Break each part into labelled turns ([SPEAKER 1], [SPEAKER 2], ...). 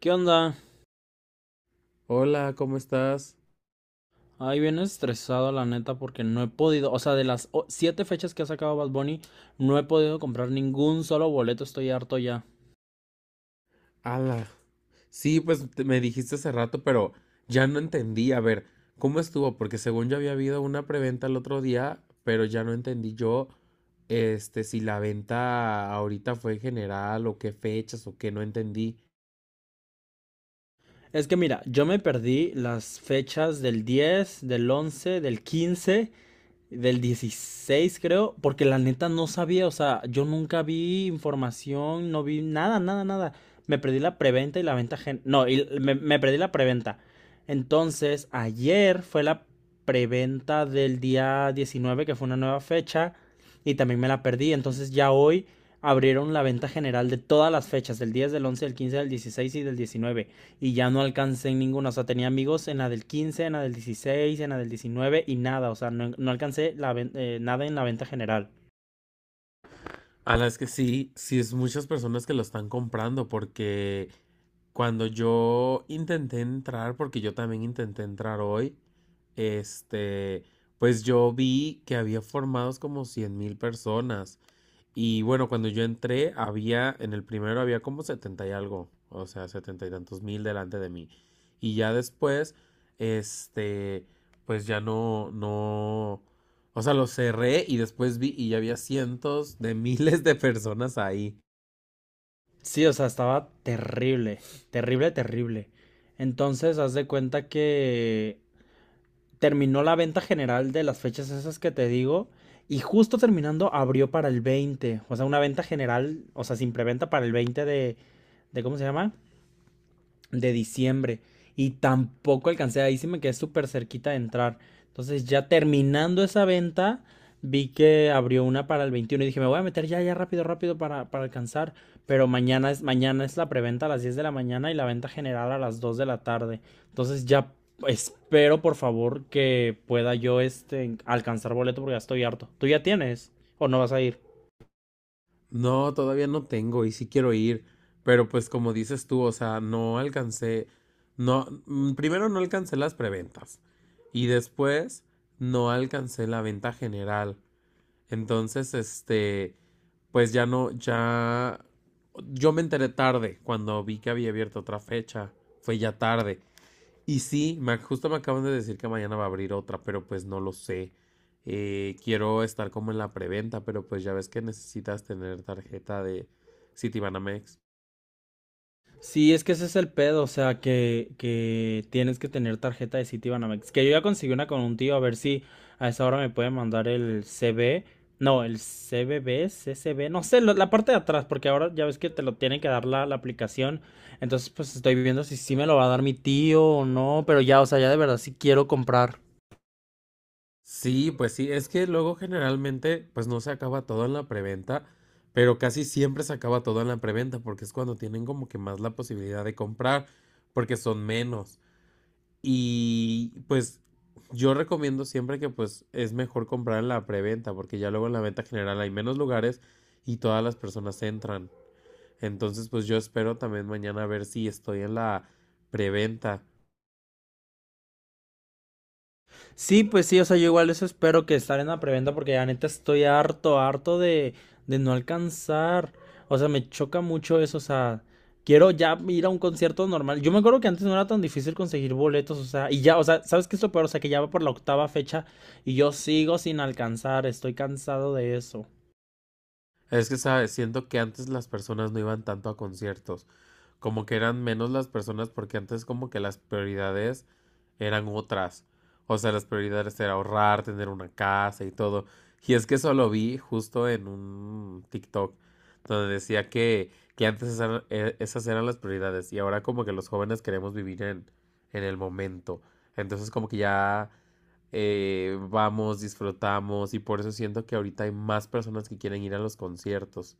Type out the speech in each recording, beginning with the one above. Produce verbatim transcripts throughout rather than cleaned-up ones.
[SPEAKER 1] ¿Qué onda?
[SPEAKER 2] Hola, ¿cómo estás?
[SPEAKER 1] Ay, bien estresado, la neta, porque no he podido, o sea, de las o- siete fechas que ha sacado Bad Bunny, no he podido comprar ningún solo boleto, estoy harto ya.
[SPEAKER 2] Ala. Sí, pues te- me dijiste hace rato, pero ya no entendí. A ver, ¿cómo estuvo? Porque según yo había habido una preventa el otro día, pero ya no entendí yo, este, si la venta ahorita fue en general o qué fechas o qué, no entendí.
[SPEAKER 1] Es que mira, yo me perdí las fechas del diez, del once, del quince, del dieciséis, creo, porque la neta no sabía, o sea, yo nunca vi información, no vi nada, nada, nada. Me perdí la preventa y la venta. gen... No, y me, me perdí la preventa. Entonces, ayer fue la preventa del día diecinueve que fue una nueva fecha, y también me la perdí. Entonces ya hoy abrieron la venta general de todas las fechas, del diez, del once, del quince, del dieciséis y del diecinueve y ya no alcancé en ninguna. O sea, tenía amigos en la del quince, en la del dieciséis, en la del diecinueve y nada. O sea, no, no alcancé la eh, nada en la venta general.
[SPEAKER 2] A las que sí, sí es muchas personas que lo están comprando porque cuando yo intenté entrar, porque yo también intenté entrar hoy, este, pues yo vi que había formados como cien mil personas y bueno, cuando yo entré, había, en el primero había como setenta y algo, o sea, setenta y tantos mil delante de mí. Y ya después, este, pues ya no, no, o sea, lo cerré y después vi y ya había cientos de miles de personas ahí.
[SPEAKER 1] Sí, o sea, estaba terrible, terrible, terrible. Entonces, haz de cuenta que terminó la venta general de las fechas esas que te digo. Y justo terminando abrió para el veinte, o sea, una venta general, o sea, sin preventa para el veinte de, de ¿cómo se llama?, de diciembre, y tampoco alcancé, ahí sí me quedé súper cerquita de entrar. Entonces ya terminando esa venta, vi que abrió una para el veintiuno y dije, me voy a meter ya, ya rápido, rápido para, para alcanzar. Pero mañana es, mañana es la preventa a las diez de la mañana y la venta general a las dos de la tarde. Entonces ya espero, por favor, que pueda yo este, alcanzar boleto porque ya estoy harto. ¿Tú ya tienes o no vas a ir?
[SPEAKER 2] No, todavía no tengo y sí quiero ir, pero pues como dices tú, o sea, no alcancé, no, mm, primero no alcancé las preventas y después no alcancé la venta general. Entonces, este, pues ya no, ya, yo me enteré tarde cuando vi que había abierto otra fecha, fue ya tarde. Y sí, me- justo me acaban de decir que mañana va a abrir otra, pero pues no lo sé. Eh, quiero estar como en la preventa, pero pues ya ves que necesitas tener tarjeta de Citibanamex.
[SPEAKER 1] Sí, es que ese es el pedo, o sea, que, que tienes que tener tarjeta de Citibanamex. Que yo ya conseguí una con un tío, a ver si a esa hora me puede mandar el C B. No, el C B B, C C B, no sé, lo- la parte de atrás, porque ahora ya ves que te lo tiene que dar la, la aplicación. Entonces, pues estoy viendo si sí me lo va a dar mi tío o no, pero ya, o sea, ya de verdad sí quiero comprar.
[SPEAKER 2] Sí, pues sí, es que luego generalmente pues no se acaba todo en la preventa, pero casi siempre se acaba todo en la preventa porque es cuando tienen como que más la posibilidad de comprar porque son menos. Y pues yo recomiendo siempre que pues es mejor comprar en la preventa porque ya luego en la venta general hay menos lugares y todas las personas entran. Entonces pues yo espero también mañana a ver si estoy en la preventa.
[SPEAKER 1] Sí, pues sí, o sea, yo igual eso espero, que estar en la preventa, porque ya neta estoy harto, harto de, de no alcanzar. O sea, me choca mucho eso, o sea, quiero ya ir a un concierto normal. Yo me acuerdo que antes no era tan difícil conseguir boletos, o sea, y ya, o sea, ¿sabes qué es lo peor? O sea, que ya va por la octava fecha y yo sigo sin alcanzar, estoy cansado de eso.
[SPEAKER 2] Es que sabes, siento que antes las personas no iban tanto a conciertos, como que eran menos las personas porque antes como que las prioridades eran otras. O sea, las prioridades era ahorrar, tener una casa y todo. Y es que eso lo vi justo en un TikTok donde decía que, que antes esas, esas eran las prioridades y ahora como que los jóvenes queremos vivir en, en el momento. Entonces como que ya eh, vamos, disfrutamos y por eso siento que ahorita hay más personas que quieren ir a los conciertos.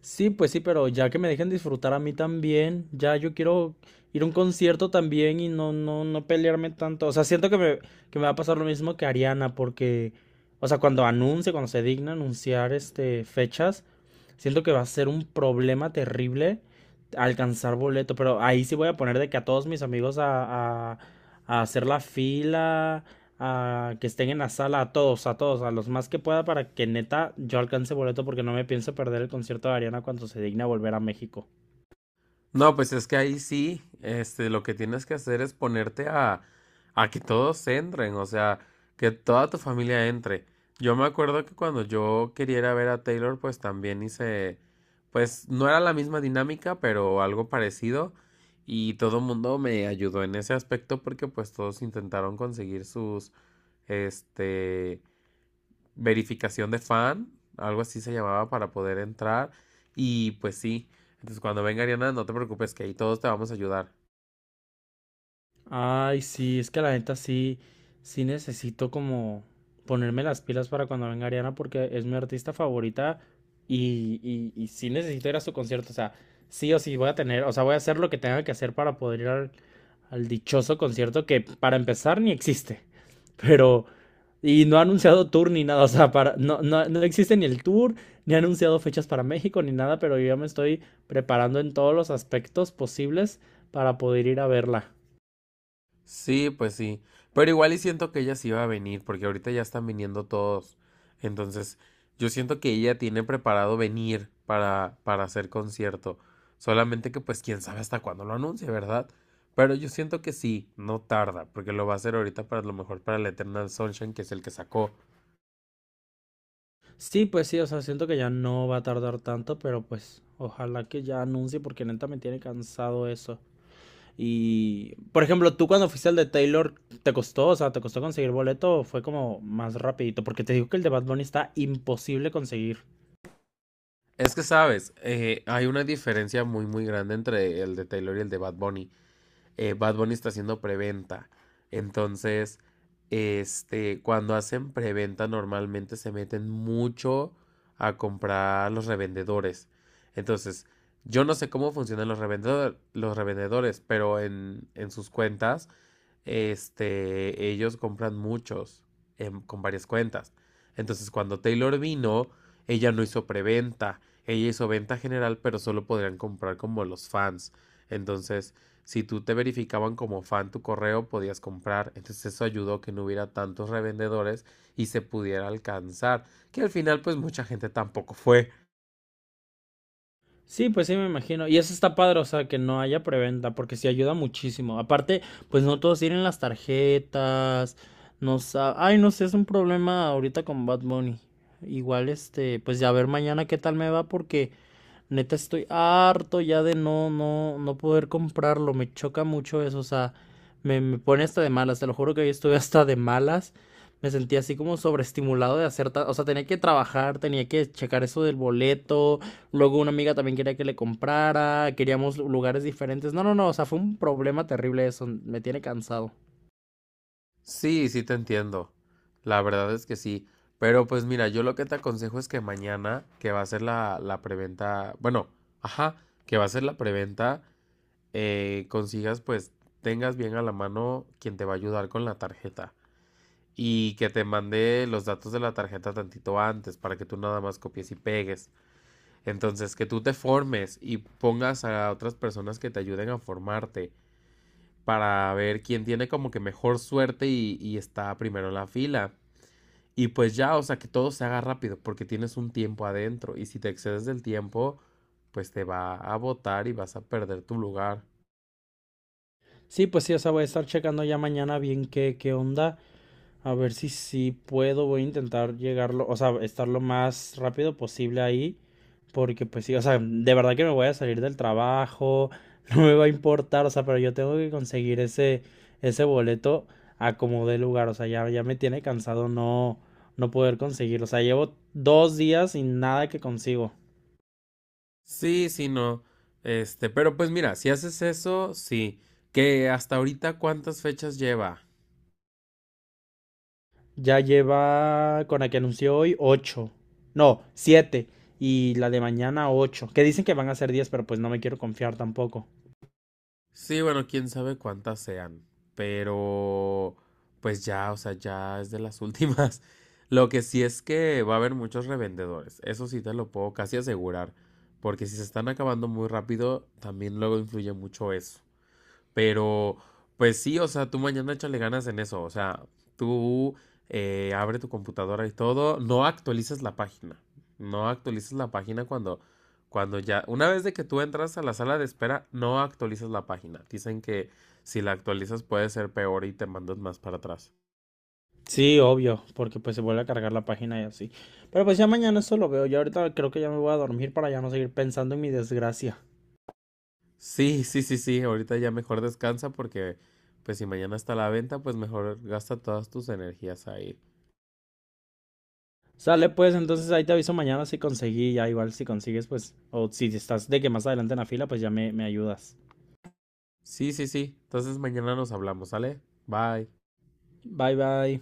[SPEAKER 1] Sí, pues sí, pero ya que me dejen disfrutar a mí también, ya yo quiero ir a un concierto también y no, no, no pelearme tanto. O sea, siento que me, que me va a pasar lo mismo que Ariana, porque, o sea, cuando anuncie, cuando se digna anunciar este fechas, siento que va a ser un problema terrible alcanzar boleto, pero ahí sí voy a poner de que a todos mis amigos a, a- a hacer la fila, a que estén en la sala, a todos, a todos, a los más que pueda para que neta yo alcance boleto porque no me pienso perder el concierto de Ariana cuando se digna volver a México.
[SPEAKER 2] No, pues es que ahí sí, este, lo que tienes que hacer es ponerte a, a que todos entren, o sea, que toda tu familia entre. Yo me acuerdo que cuando yo quería ir a ver a Taylor, pues también hice, pues no era la misma dinámica, pero algo parecido. Y todo el mundo me ayudó en ese aspecto porque pues todos intentaron conseguir sus, este, verificación de fan, algo así se llamaba para poder entrar. Y pues sí, entonces cuando venga Ariana, no te preocupes, que ahí todos te vamos a ayudar.
[SPEAKER 1] Ay, sí, es que la neta sí, sí necesito como ponerme las pilas para cuando venga Ariana porque es mi artista favorita y, y, y sí necesito ir a su concierto. O sea, sí o sí voy a tener, o sea, voy a hacer lo que tenga que hacer para poder ir al, al dichoso concierto que para empezar ni existe. Pero, y no ha anunciado tour ni nada, o sea, para, no, no, no existe ni el tour, ni ha anunciado fechas para México ni nada, pero yo ya me estoy preparando en todos los aspectos posibles para poder ir a verla.
[SPEAKER 2] Sí, pues sí. Pero igual y siento que ella sí va a venir, porque ahorita ya están viniendo todos. Entonces, yo siento que ella tiene preparado venir para, para hacer concierto. Solamente que pues quién sabe hasta cuándo lo anuncie, ¿verdad? Pero yo siento que sí, no tarda, porque lo va a hacer ahorita para a lo mejor para el Eternal Sunshine, que es el que sacó.
[SPEAKER 1] Sí, pues sí, o sea, siento que ya no va a tardar tanto, pero pues ojalá que ya anuncie porque neta me tiene cansado eso. Y, por ejemplo, tú cuando fuiste al de Taylor, ¿te costó? O sea, ¿te costó conseguir boleto o fue como más rapidito? Porque te digo que el de Bad Bunny está imposible conseguir.
[SPEAKER 2] Es que sabes, eh, hay una diferencia muy muy grande entre el de Taylor y el de Bad Bunny. eh, Bad Bunny está haciendo preventa. Entonces, este, cuando hacen preventa normalmente se meten mucho a comprar a los revendedores. Entonces, yo no sé cómo funcionan los, revendedor- los revendedores, pero en, en sus cuentas, este, ellos compran muchos em, con varias cuentas. Entonces, cuando Taylor vino, ella no hizo preventa, ella hizo venta general, pero solo podrían comprar como los fans. Entonces, si tú te verificaban como fan tu correo, podías comprar. Entonces eso ayudó que no hubiera tantos revendedores y se pudiera alcanzar. Que al final pues mucha gente tampoco fue.
[SPEAKER 1] Sí, pues sí, me imagino. Y eso está padre, o sea, que no haya preventa, porque sí ayuda muchísimo. Aparte, pues no todos tienen las tarjetas, no sa- ay, no sé, es un problema ahorita con Bad Bunny. Igual, este, pues ya a ver mañana qué tal me va, porque neta estoy harto ya de no, no, no poder comprarlo. Me choca mucho eso, o sea, me, me pone hasta de malas, te lo juro que hoy estuve hasta de malas. Me sentí así como sobreestimulado de hacer, ta- o sea, tenía que trabajar, tenía que checar eso del boleto. Luego una amiga también quería que le comprara, queríamos lugares diferentes. No, no, no, o sea, fue un problema terrible eso, me tiene cansado.
[SPEAKER 2] Sí, sí te entiendo. La verdad es que sí. Pero pues mira, yo lo que te aconsejo es que mañana, que va a ser la, la preventa, bueno, ajá, que va a ser la preventa, eh, consigas pues tengas bien a la mano quien te va a ayudar con la tarjeta y que te mandé los datos de la tarjeta tantito antes para que tú nada más copies y pegues. Entonces, que tú te formes y pongas a otras personas que te ayuden a formarte para ver quién tiene como que mejor suerte y, y está primero en la fila. Y pues ya, o sea, que todo se haga rápido porque tienes un tiempo adentro y si te excedes del tiempo, pues te va a botar y vas a perder tu lugar.
[SPEAKER 1] Sí, pues sí, o sea, voy a estar checando ya mañana bien qué, qué onda. A ver si sí puedo, voy a intentar llegarlo, o sea, estar lo más rápido posible ahí, porque pues sí, o sea, de verdad que me voy a salir del trabajo, no me va a importar, o sea, pero yo tengo que conseguir ese, ese boleto a como dé lugar, o sea, ya, ya me tiene cansado no, no poder conseguirlo, o sea, llevo dos días sin nada que consigo.
[SPEAKER 2] Sí, sí, no. Este, pero pues mira, si haces eso, sí. Que hasta ahorita cuántas fechas lleva.
[SPEAKER 1] Ya lleva con la que anunció hoy ocho, no, siete, y la de mañana ocho, que dicen que van a ser diez, pero pues no me quiero confiar tampoco.
[SPEAKER 2] Sí, bueno, quién sabe cuántas sean. Pero, pues ya, o sea, ya es de las últimas. Lo que sí es que va a haber muchos revendedores. Eso sí te lo puedo casi asegurar. Porque si se están acabando muy rápido, también luego influye mucho eso. Pero, pues sí, o sea, tú mañana échale ganas en eso. O sea, tú eh, abre tu computadora y todo. No actualizas la página. No actualizas la página cuando, cuando ya. Una vez de que tú entras a la sala de espera, no actualizas la página. Dicen que si la actualizas puede ser peor y te mandan más para atrás.
[SPEAKER 1] Sí, obvio, porque pues se vuelve a cargar la página y así. Pero pues ya mañana eso lo veo. Yo ahorita creo que ya me voy a dormir para ya no seguir pensando en mi desgracia.
[SPEAKER 2] Sí, sí, sí, sí. Ahorita ya mejor descansa porque, pues si mañana está la venta, pues mejor gasta todas tus energías ahí.
[SPEAKER 1] Sale pues, entonces ahí te aviso mañana si conseguí, ya igual si consigues pues, o si estás de que más adelante en la fila, pues ya me, me ayudas.
[SPEAKER 2] Sí, sí, sí. Entonces mañana nos hablamos, ¿sale? Bye.
[SPEAKER 1] Bye bye.